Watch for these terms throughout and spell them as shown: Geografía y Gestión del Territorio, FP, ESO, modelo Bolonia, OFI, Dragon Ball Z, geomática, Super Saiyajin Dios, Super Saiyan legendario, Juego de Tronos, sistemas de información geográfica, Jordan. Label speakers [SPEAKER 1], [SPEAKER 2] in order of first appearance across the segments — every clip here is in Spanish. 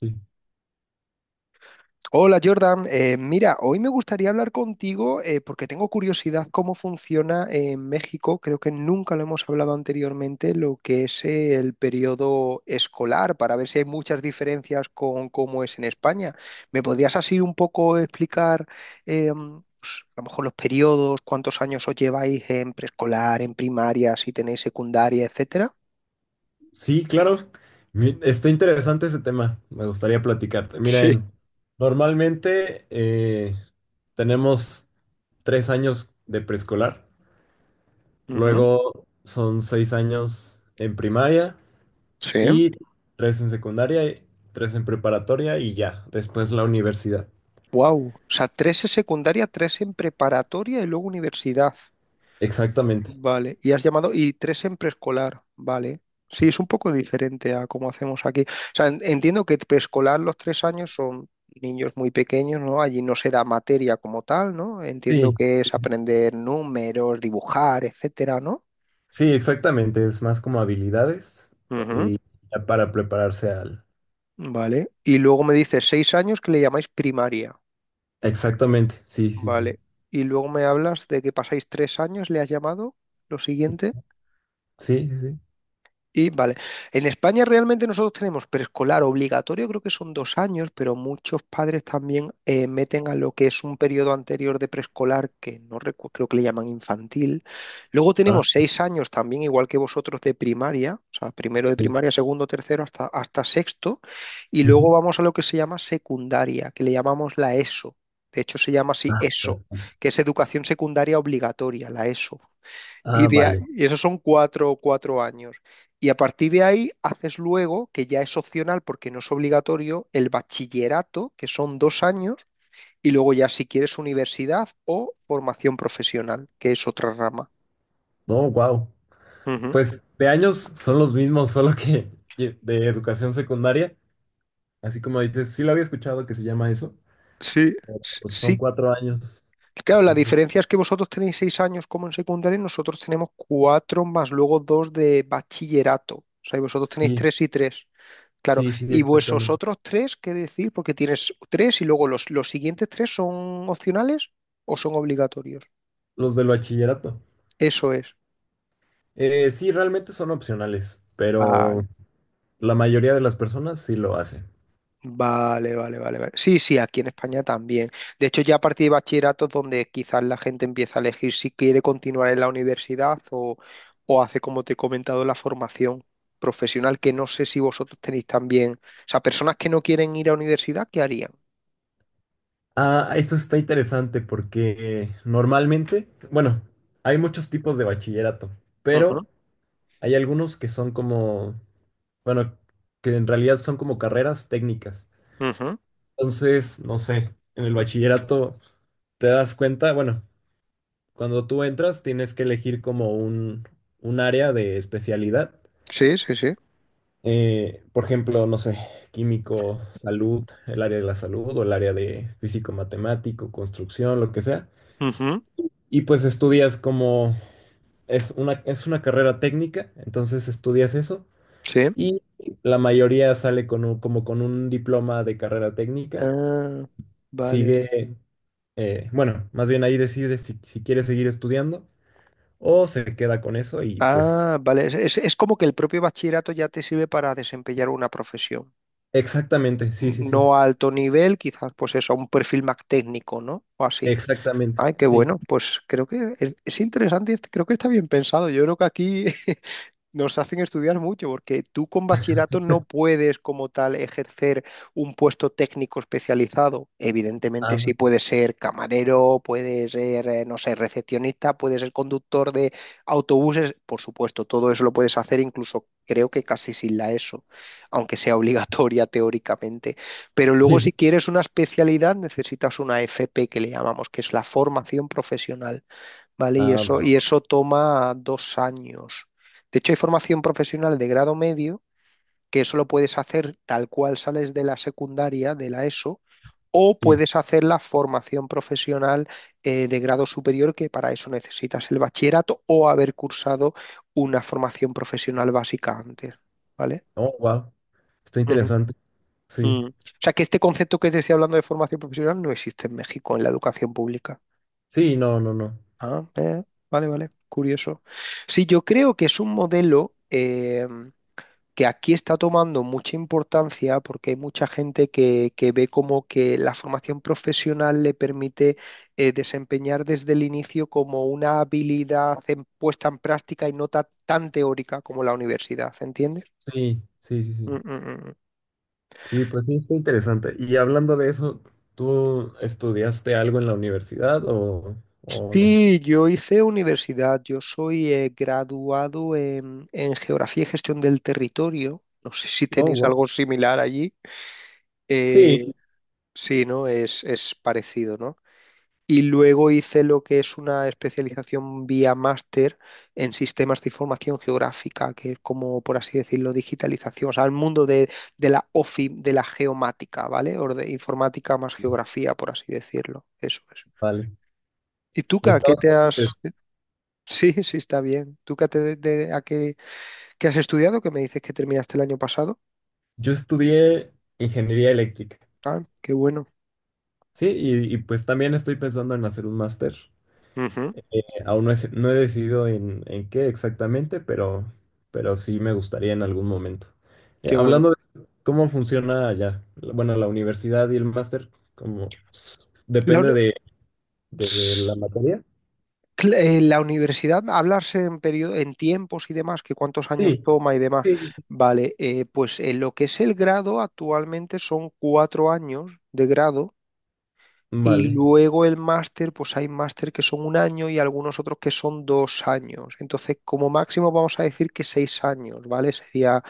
[SPEAKER 1] Sí,
[SPEAKER 2] Hola Jordan. Mira, hoy me gustaría hablar contigo porque tengo curiosidad cómo funciona en México. Creo que nunca lo hemos hablado anteriormente, lo que es el periodo escolar, para ver si hay muchas diferencias con cómo es en España. ¿Me podrías así un poco explicar eh, pues, a lo mejor los periodos, cuántos años os lleváis en preescolar, en primaria, si tenéis secundaria, etcétera?
[SPEAKER 1] sí, claro. Está interesante ese tema. Me gustaría platicarte.
[SPEAKER 2] Sí.
[SPEAKER 1] Miren, normalmente tenemos 3 años de preescolar,
[SPEAKER 2] Ujú.
[SPEAKER 1] luego son 6 años en primaria
[SPEAKER 2] Sí.
[SPEAKER 1] y tres en secundaria, y tres en preparatoria y ya, después la universidad.
[SPEAKER 2] Wow, o sea, tres en secundaria, tres en preparatoria y luego universidad.
[SPEAKER 1] Exactamente.
[SPEAKER 2] Vale, y has llamado, y tres en preescolar, vale. Sí, es un poco diferente a cómo hacemos aquí. O sea, entiendo que preescolar los tres años son niños muy pequeños, ¿no? Allí no se da materia como tal, ¿no? Entiendo
[SPEAKER 1] Sí,
[SPEAKER 2] que es aprender números, dibujar, etcétera, ¿no?
[SPEAKER 1] sí, exactamente. Es más como habilidades
[SPEAKER 2] Ujú.
[SPEAKER 1] y ya para prepararse al.
[SPEAKER 2] Vale. Y luego me dices seis años que le llamáis primaria,
[SPEAKER 1] Exactamente. Sí, sí, sí.
[SPEAKER 2] vale. Y luego me hablas de que pasáis tres años, ¿le has llamado? Lo siguiente.
[SPEAKER 1] Sí, sí, sí.
[SPEAKER 2] Y vale, en España realmente nosotros tenemos preescolar obligatorio, creo que son dos años, pero muchos padres también meten a lo que es un periodo anterior de preescolar, que no recu- creo que le llaman infantil. Luego tenemos seis años también, igual que vosotros, de primaria, o sea, primero de
[SPEAKER 1] Sí.
[SPEAKER 2] primaria, segundo, tercero, hasta, hasta sexto. Y
[SPEAKER 1] Ujú.
[SPEAKER 2] luego vamos a lo que se llama secundaria, que le llamamos la ESO. De hecho, se llama así
[SPEAKER 1] Ah,
[SPEAKER 2] ESO,
[SPEAKER 1] perdón.
[SPEAKER 2] que es educación secundaria obligatoria, la ESO. Y,
[SPEAKER 1] Ah, vale.
[SPEAKER 2] y esos son cuatro, cuatro años. Y a partir de ahí haces luego, que ya es opcional porque no es obligatorio, el bachillerato, que son dos años, y luego ya si quieres universidad o formación profesional, que es otra rama.
[SPEAKER 1] No, wow.
[SPEAKER 2] Ujú.
[SPEAKER 1] Pues de años son los mismos, solo que de educación secundaria, así como dices, sí lo había escuchado que se llama eso,
[SPEAKER 2] Sí,
[SPEAKER 1] pero pues son
[SPEAKER 2] sí.
[SPEAKER 1] 4 años.
[SPEAKER 2] Claro, la
[SPEAKER 1] Entonces,
[SPEAKER 2] diferencia es que vosotros tenéis seis años como en secundaria y nosotros tenemos cuatro más luego dos de bachillerato. O sea, y vosotros tenéis
[SPEAKER 1] sí,
[SPEAKER 2] tres y tres. Claro,
[SPEAKER 1] sí, sí,
[SPEAKER 2] y vuesos
[SPEAKER 1] exactamente.
[SPEAKER 2] otros tres, ¿qué decir? Porque tienes tres y luego los siguientes tres son opcionales o son obligatorios.
[SPEAKER 1] Los del bachillerato.
[SPEAKER 2] Eso es.
[SPEAKER 1] Sí, realmente son opcionales,
[SPEAKER 2] Vale,
[SPEAKER 1] pero la mayoría de las personas sí lo hacen.
[SPEAKER 2] vale, vale, vale, vale. Sí, sí, aquí en España también. De hecho, ya a partir de bachillerato es donde quizás la gente empieza a elegir si quiere continuar en la universidad o hace, como te he comentado, la formación profesional, que no sé si vosotros tenéis también. O sea, personas que no quieren ir a universidad, ¿qué harían?
[SPEAKER 1] Ah, esto está interesante porque normalmente, bueno, hay muchos tipos de bachillerato,
[SPEAKER 2] Ujú,
[SPEAKER 1] pero hay algunos que son como, bueno, que en realidad son como carreras técnicas.
[SPEAKER 2] ujú.
[SPEAKER 1] Entonces, no sé, en el bachillerato te das cuenta, bueno, cuando tú entras tienes que elegir como un área de especialidad.
[SPEAKER 2] Sí, sí, sí.
[SPEAKER 1] Por ejemplo, no sé, químico, salud, el área de la salud o el área de físico matemático, construcción, lo que sea.
[SPEAKER 2] Ujú.
[SPEAKER 1] Y pues estudias como es una carrera técnica, entonces estudias eso
[SPEAKER 2] Sí.
[SPEAKER 1] y la mayoría sale con como con un diploma de carrera técnica.
[SPEAKER 2] Ah, vale, vale.
[SPEAKER 1] Sigue, bueno, más bien ahí decide si quiere seguir estudiando o se queda con eso y pues
[SPEAKER 2] Ah, vale. Es como que el propio bachillerato ya te sirve para desempeñar una profesión.
[SPEAKER 1] exactamente, sí, sí, sí,
[SPEAKER 2] No a alto nivel, quizás, pues eso, a un perfil más técnico, ¿no? O así.
[SPEAKER 1] exactamente,
[SPEAKER 2] Ay, qué
[SPEAKER 1] sí.
[SPEAKER 2] bueno. Pues creo que es interesante, y creo que está bien pensado. Yo creo que aquí nos hacen estudiar mucho porque tú con bachillerato no puedes como tal ejercer un puesto técnico especializado. Evidentemente
[SPEAKER 1] Ah,
[SPEAKER 2] sí
[SPEAKER 1] va.
[SPEAKER 2] puedes ser camarero, puedes ser, no sé, recepcionista, puedes ser conductor de autobuses. Por supuesto, todo eso lo puedes hacer incluso creo que casi sin la ESO, aunque sea obligatoria teóricamente. Pero luego si
[SPEAKER 1] sí,
[SPEAKER 2] quieres una especialidad necesitas una FP que le llamamos, que es la formación profesional. ¿Vale?
[SPEAKER 1] ah, vale,
[SPEAKER 2] Y eso toma dos años. De hecho, hay formación profesional de grado medio que eso lo puedes hacer tal cual sales de la secundaria, de la ESO, o
[SPEAKER 1] sí.
[SPEAKER 2] puedes hacer la formación profesional de grado superior, que para eso necesitas el bachillerato o haber cursado una formación profesional básica antes, ¿vale?
[SPEAKER 1] Oh, wow, está
[SPEAKER 2] Ujú.
[SPEAKER 1] interesante, sí.
[SPEAKER 2] Mm. O sea que este concepto que te estoy hablando de formación profesional no existe en México en la educación pública.
[SPEAKER 1] Sí, no, no, no.
[SPEAKER 2] Ah, vale, vale, curioso. Sí, yo creo que es un modelo que aquí está tomando mucha importancia porque hay mucha gente que ve como que la formación profesional le permite desempeñar desde el inicio como una habilidad puesta en práctica y no tan teórica como la universidad, ¿entiendes?
[SPEAKER 1] Sí, sí, sí, sí.
[SPEAKER 2] Mm, mm, mm, mm.
[SPEAKER 1] Sí, pues sí, está interesante. Y hablando de eso, ¿tú estudiaste algo en la universidad o no?
[SPEAKER 2] Sí, yo hice universidad, yo soy graduado en Geografía y Gestión del Territorio. No sé si
[SPEAKER 1] Oh,
[SPEAKER 2] tenéis
[SPEAKER 1] wow.
[SPEAKER 2] algo similar allí.
[SPEAKER 1] Sí,
[SPEAKER 2] Eh, sí, ¿no? Es parecido, ¿no? Y luego hice lo que es una especialización vía máster en sistemas de información geográfica, que es como, por así decirlo, digitalización, o sea, el mundo de la OFI, de la geomática, ¿vale? O de informática más geografía, por así decirlo. Eso es.
[SPEAKER 1] vale.
[SPEAKER 2] ¿Y tú, Ka,
[SPEAKER 1] Está
[SPEAKER 2] qué te
[SPEAKER 1] bastante.
[SPEAKER 2] has, sí, sí, está bien? ¿Tú qué, te, de, a qué, qué has estudiado? Que me dices que terminaste el año pasado.
[SPEAKER 1] Yo estudié ingeniería eléctrica,
[SPEAKER 2] Ah, qué bueno.
[SPEAKER 1] sí, y pues también estoy pensando en hacer un máster.
[SPEAKER 2] Ujú,
[SPEAKER 1] Aún no he decidido en qué exactamente, pero sí me gustaría en algún momento.
[SPEAKER 2] qué bueno.
[SPEAKER 1] Hablando de cómo funciona allá, bueno, la universidad y el máster, como
[SPEAKER 2] La,
[SPEAKER 1] depende
[SPEAKER 2] uni-
[SPEAKER 1] de la
[SPEAKER 2] Ss,
[SPEAKER 1] materia.
[SPEAKER 2] la universidad, hablarse en periodo, en tiempos y demás, que cuántos años
[SPEAKER 1] Sí,
[SPEAKER 2] toma y demás.
[SPEAKER 1] sí.
[SPEAKER 2] Vale, pues en lo que es el grado, actualmente son cuatro años de grado. Y
[SPEAKER 1] Vale.
[SPEAKER 2] luego el máster, pues hay máster que son un año y algunos otros que son dos años. Entonces, como máximo vamos a decir que seis años, ¿vale? Sería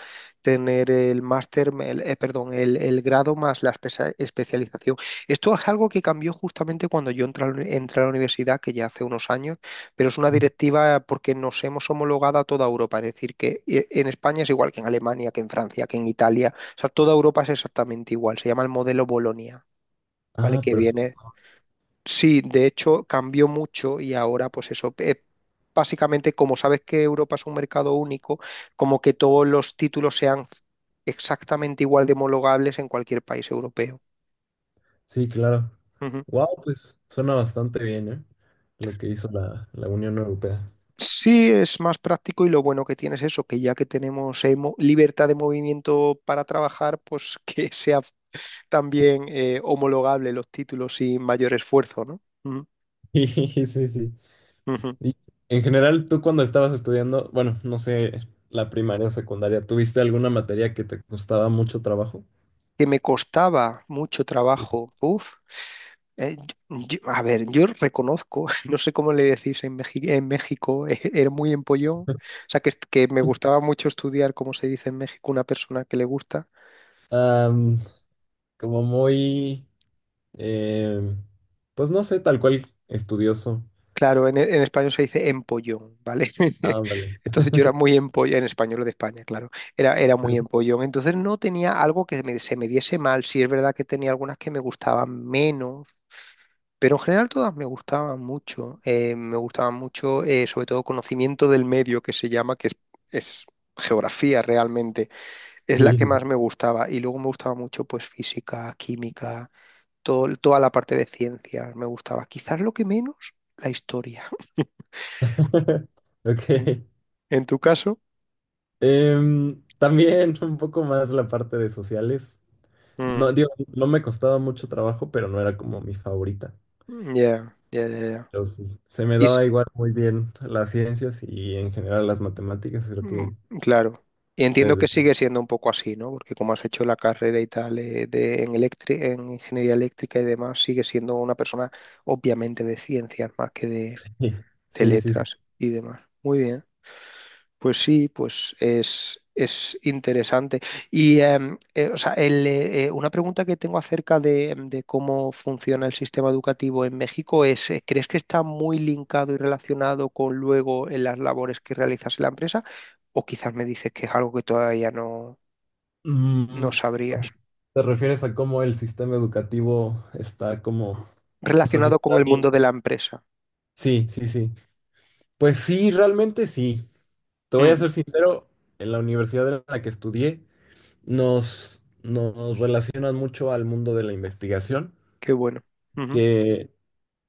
[SPEAKER 2] tener el máster, perdón, el grado más la especialización. Esto es algo que cambió justamente cuando yo entré, a la entré a la universidad, que ya hace unos años, pero es una
[SPEAKER 1] Ujú.
[SPEAKER 2] directiva porque nos hemos homologado a toda Europa. Es decir, que en España es igual que en Alemania, que en Francia, que en Italia. O sea, toda Europa es exactamente igual. Se llama el modelo Bolonia, ¿vale?
[SPEAKER 1] Ah,
[SPEAKER 2] Que
[SPEAKER 1] perfecto.
[SPEAKER 2] viene... Sí, de hecho cambió mucho y ahora pues eso, básicamente como sabes que Europa es un mercado único, como que todos los títulos sean exactamente igual de homologables en cualquier país europeo.
[SPEAKER 1] Sí, claro.
[SPEAKER 2] Ujú.
[SPEAKER 1] Wow, pues suena bastante bien, ¿eh? Lo que hizo la Unión Europea.
[SPEAKER 2] Sí, es más práctico y lo bueno que tiene es eso, que ya que tenemos libertad de movimiento para trabajar, pues que sea también homologable los títulos sin mayor esfuerzo, ¿no? Ujú,
[SPEAKER 1] Sí, sí, sí.
[SPEAKER 2] ujú.
[SPEAKER 1] Y en general, tú cuando estabas estudiando, bueno, no sé, la primaria o secundaria, ¿tuviste alguna materia que te costaba mucho trabajo?
[SPEAKER 2] Que me costaba mucho
[SPEAKER 1] Sí.
[SPEAKER 2] trabajo, uf, Eh, a ver, yo reconozco, no sé cómo le decís en México, era muy empollón. O sea, que me gustaba mucho estudiar cómo se dice en México una persona que le gusta.
[SPEAKER 1] Am, como muy, em, pues no sé, tal cual estudioso.
[SPEAKER 2] Claro, en español se dice empollón, ¿vale?
[SPEAKER 1] Ah, vale.
[SPEAKER 2] Entonces yo era muy empollón, en español de España, claro, era muy empollón. Entonces no tenía algo que se me diese mal. Sí es verdad que tenía algunas que me gustaban menos. Pero en general todas me gustaban mucho. Me gustaban mucho, sobre todo, conocimiento del medio, que se llama, es geografía realmente. Es la
[SPEAKER 1] Sí,
[SPEAKER 2] que
[SPEAKER 1] sí.
[SPEAKER 2] más
[SPEAKER 1] sí.
[SPEAKER 2] me gustaba. Y luego me gustaba mucho, pues, física, química, toda la parte de ciencias me gustaba. Quizás lo que menos, la historia.
[SPEAKER 1] Ok.
[SPEAKER 2] ¿En tu caso?
[SPEAKER 1] También un poco más la parte de sociales. No,
[SPEAKER 2] Mm,
[SPEAKER 1] digo, no me costaba mucho trabajo, pero no era como mi favorita.
[SPEAKER 2] ya, ya, ya, ya.
[SPEAKER 1] Pero sí, se me
[SPEAKER 2] Y s-
[SPEAKER 1] daba igual muy bien las ciencias y en general las matemáticas, creo
[SPEAKER 2] Mm.
[SPEAKER 1] que
[SPEAKER 2] Claro. Y entiendo
[SPEAKER 1] desde.
[SPEAKER 2] que sigue siendo un poco así, ¿no? Porque como has hecho la carrera y tal en en ingeniería eléctrica y demás, sigue siendo una persona obviamente de ciencias más que
[SPEAKER 1] Sí,
[SPEAKER 2] de
[SPEAKER 1] sí, sí, sí.
[SPEAKER 2] letras y demás. Muy bien. Pues sí, pues es interesante. Y o sea, una pregunta que tengo acerca de, de cómo funciona el sistema educativo en México es, ¿crees que está muy linkado y relacionado con luego las labores que realizas en la empresa? O quizás me dices que es algo que todavía no, no
[SPEAKER 1] Mm,
[SPEAKER 2] sabrías.
[SPEAKER 1] ¿te refieres a cómo el sistema educativo está como. O sea, sí
[SPEAKER 2] Relacionado
[SPEAKER 1] está
[SPEAKER 2] con el mundo
[SPEAKER 1] bien.
[SPEAKER 2] de la empresa.
[SPEAKER 1] Sí, sí, sí. Pues sí, realmente sí. Te voy a
[SPEAKER 2] Mm,
[SPEAKER 1] ser sincero, en la universidad en la que estudié nos relacionan mucho al mundo de la investigación,
[SPEAKER 2] qué bueno. Ujú,
[SPEAKER 1] que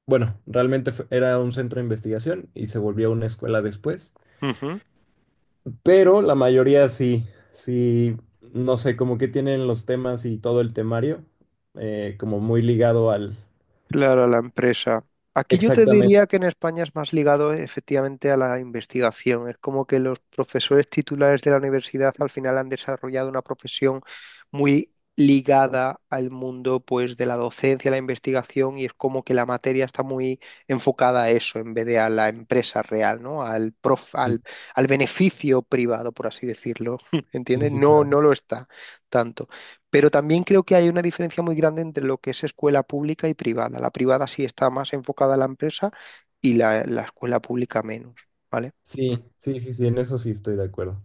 [SPEAKER 1] bueno, realmente era un centro de investigación y se volvió una escuela después,
[SPEAKER 2] ujú.
[SPEAKER 1] pero la mayoría sí, sí, no sé, como que tienen los temas y todo el temario, como muy ligado al.
[SPEAKER 2] Claro, a la empresa. Aquí yo te
[SPEAKER 1] Exactamente,
[SPEAKER 2] diría que en España es más ligado efectivamente a la investigación. Es como que los profesores titulares de la universidad al final han desarrollado una profesión muy ligada al mundo pues de la docencia, la investigación y es como que la materia está muy enfocada a eso en vez de a la empresa real, ¿no?
[SPEAKER 1] sí,
[SPEAKER 2] Al beneficio privado, por así decirlo.
[SPEAKER 1] sí,
[SPEAKER 2] ¿Entiendes?
[SPEAKER 1] sí,
[SPEAKER 2] No,
[SPEAKER 1] claro.
[SPEAKER 2] no lo está tanto. Pero también creo que hay una diferencia muy grande entre lo que es escuela pública y privada. La privada sí está más enfocada a la empresa y la escuela pública menos, ¿vale? Mm.
[SPEAKER 1] Sí, sí, sí, sí, en eso sí estoy de acuerdo.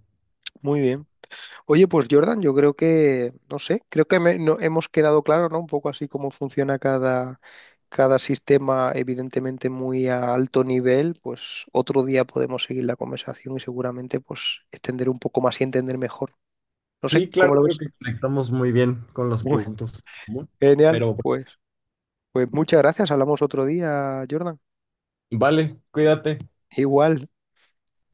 [SPEAKER 2] Muy bien. Oye, pues Jordan, yo creo que, no sé, creo que hemos quedado claro, ¿no? Un poco así cómo funciona cada, cada sistema, evidentemente muy a alto nivel. Pues otro día podemos seguir la conversación y seguramente pues extender un poco más y entender mejor. No sé,
[SPEAKER 1] Sí, claro,
[SPEAKER 2] ¿cómo lo
[SPEAKER 1] creo
[SPEAKER 2] ves?
[SPEAKER 1] que conectamos muy bien con los
[SPEAKER 2] Muy
[SPEAKER 1] puntos en común,
[SPEAKER 2] genial,
[SPEAKER 1] pero bueno,
[SPEAKER 2] pues. Pues muchas gracias, hablamos otro día, Jordan.
[SPEAKER 1] vale, cuídate.
[SPEAKER 2] Igual.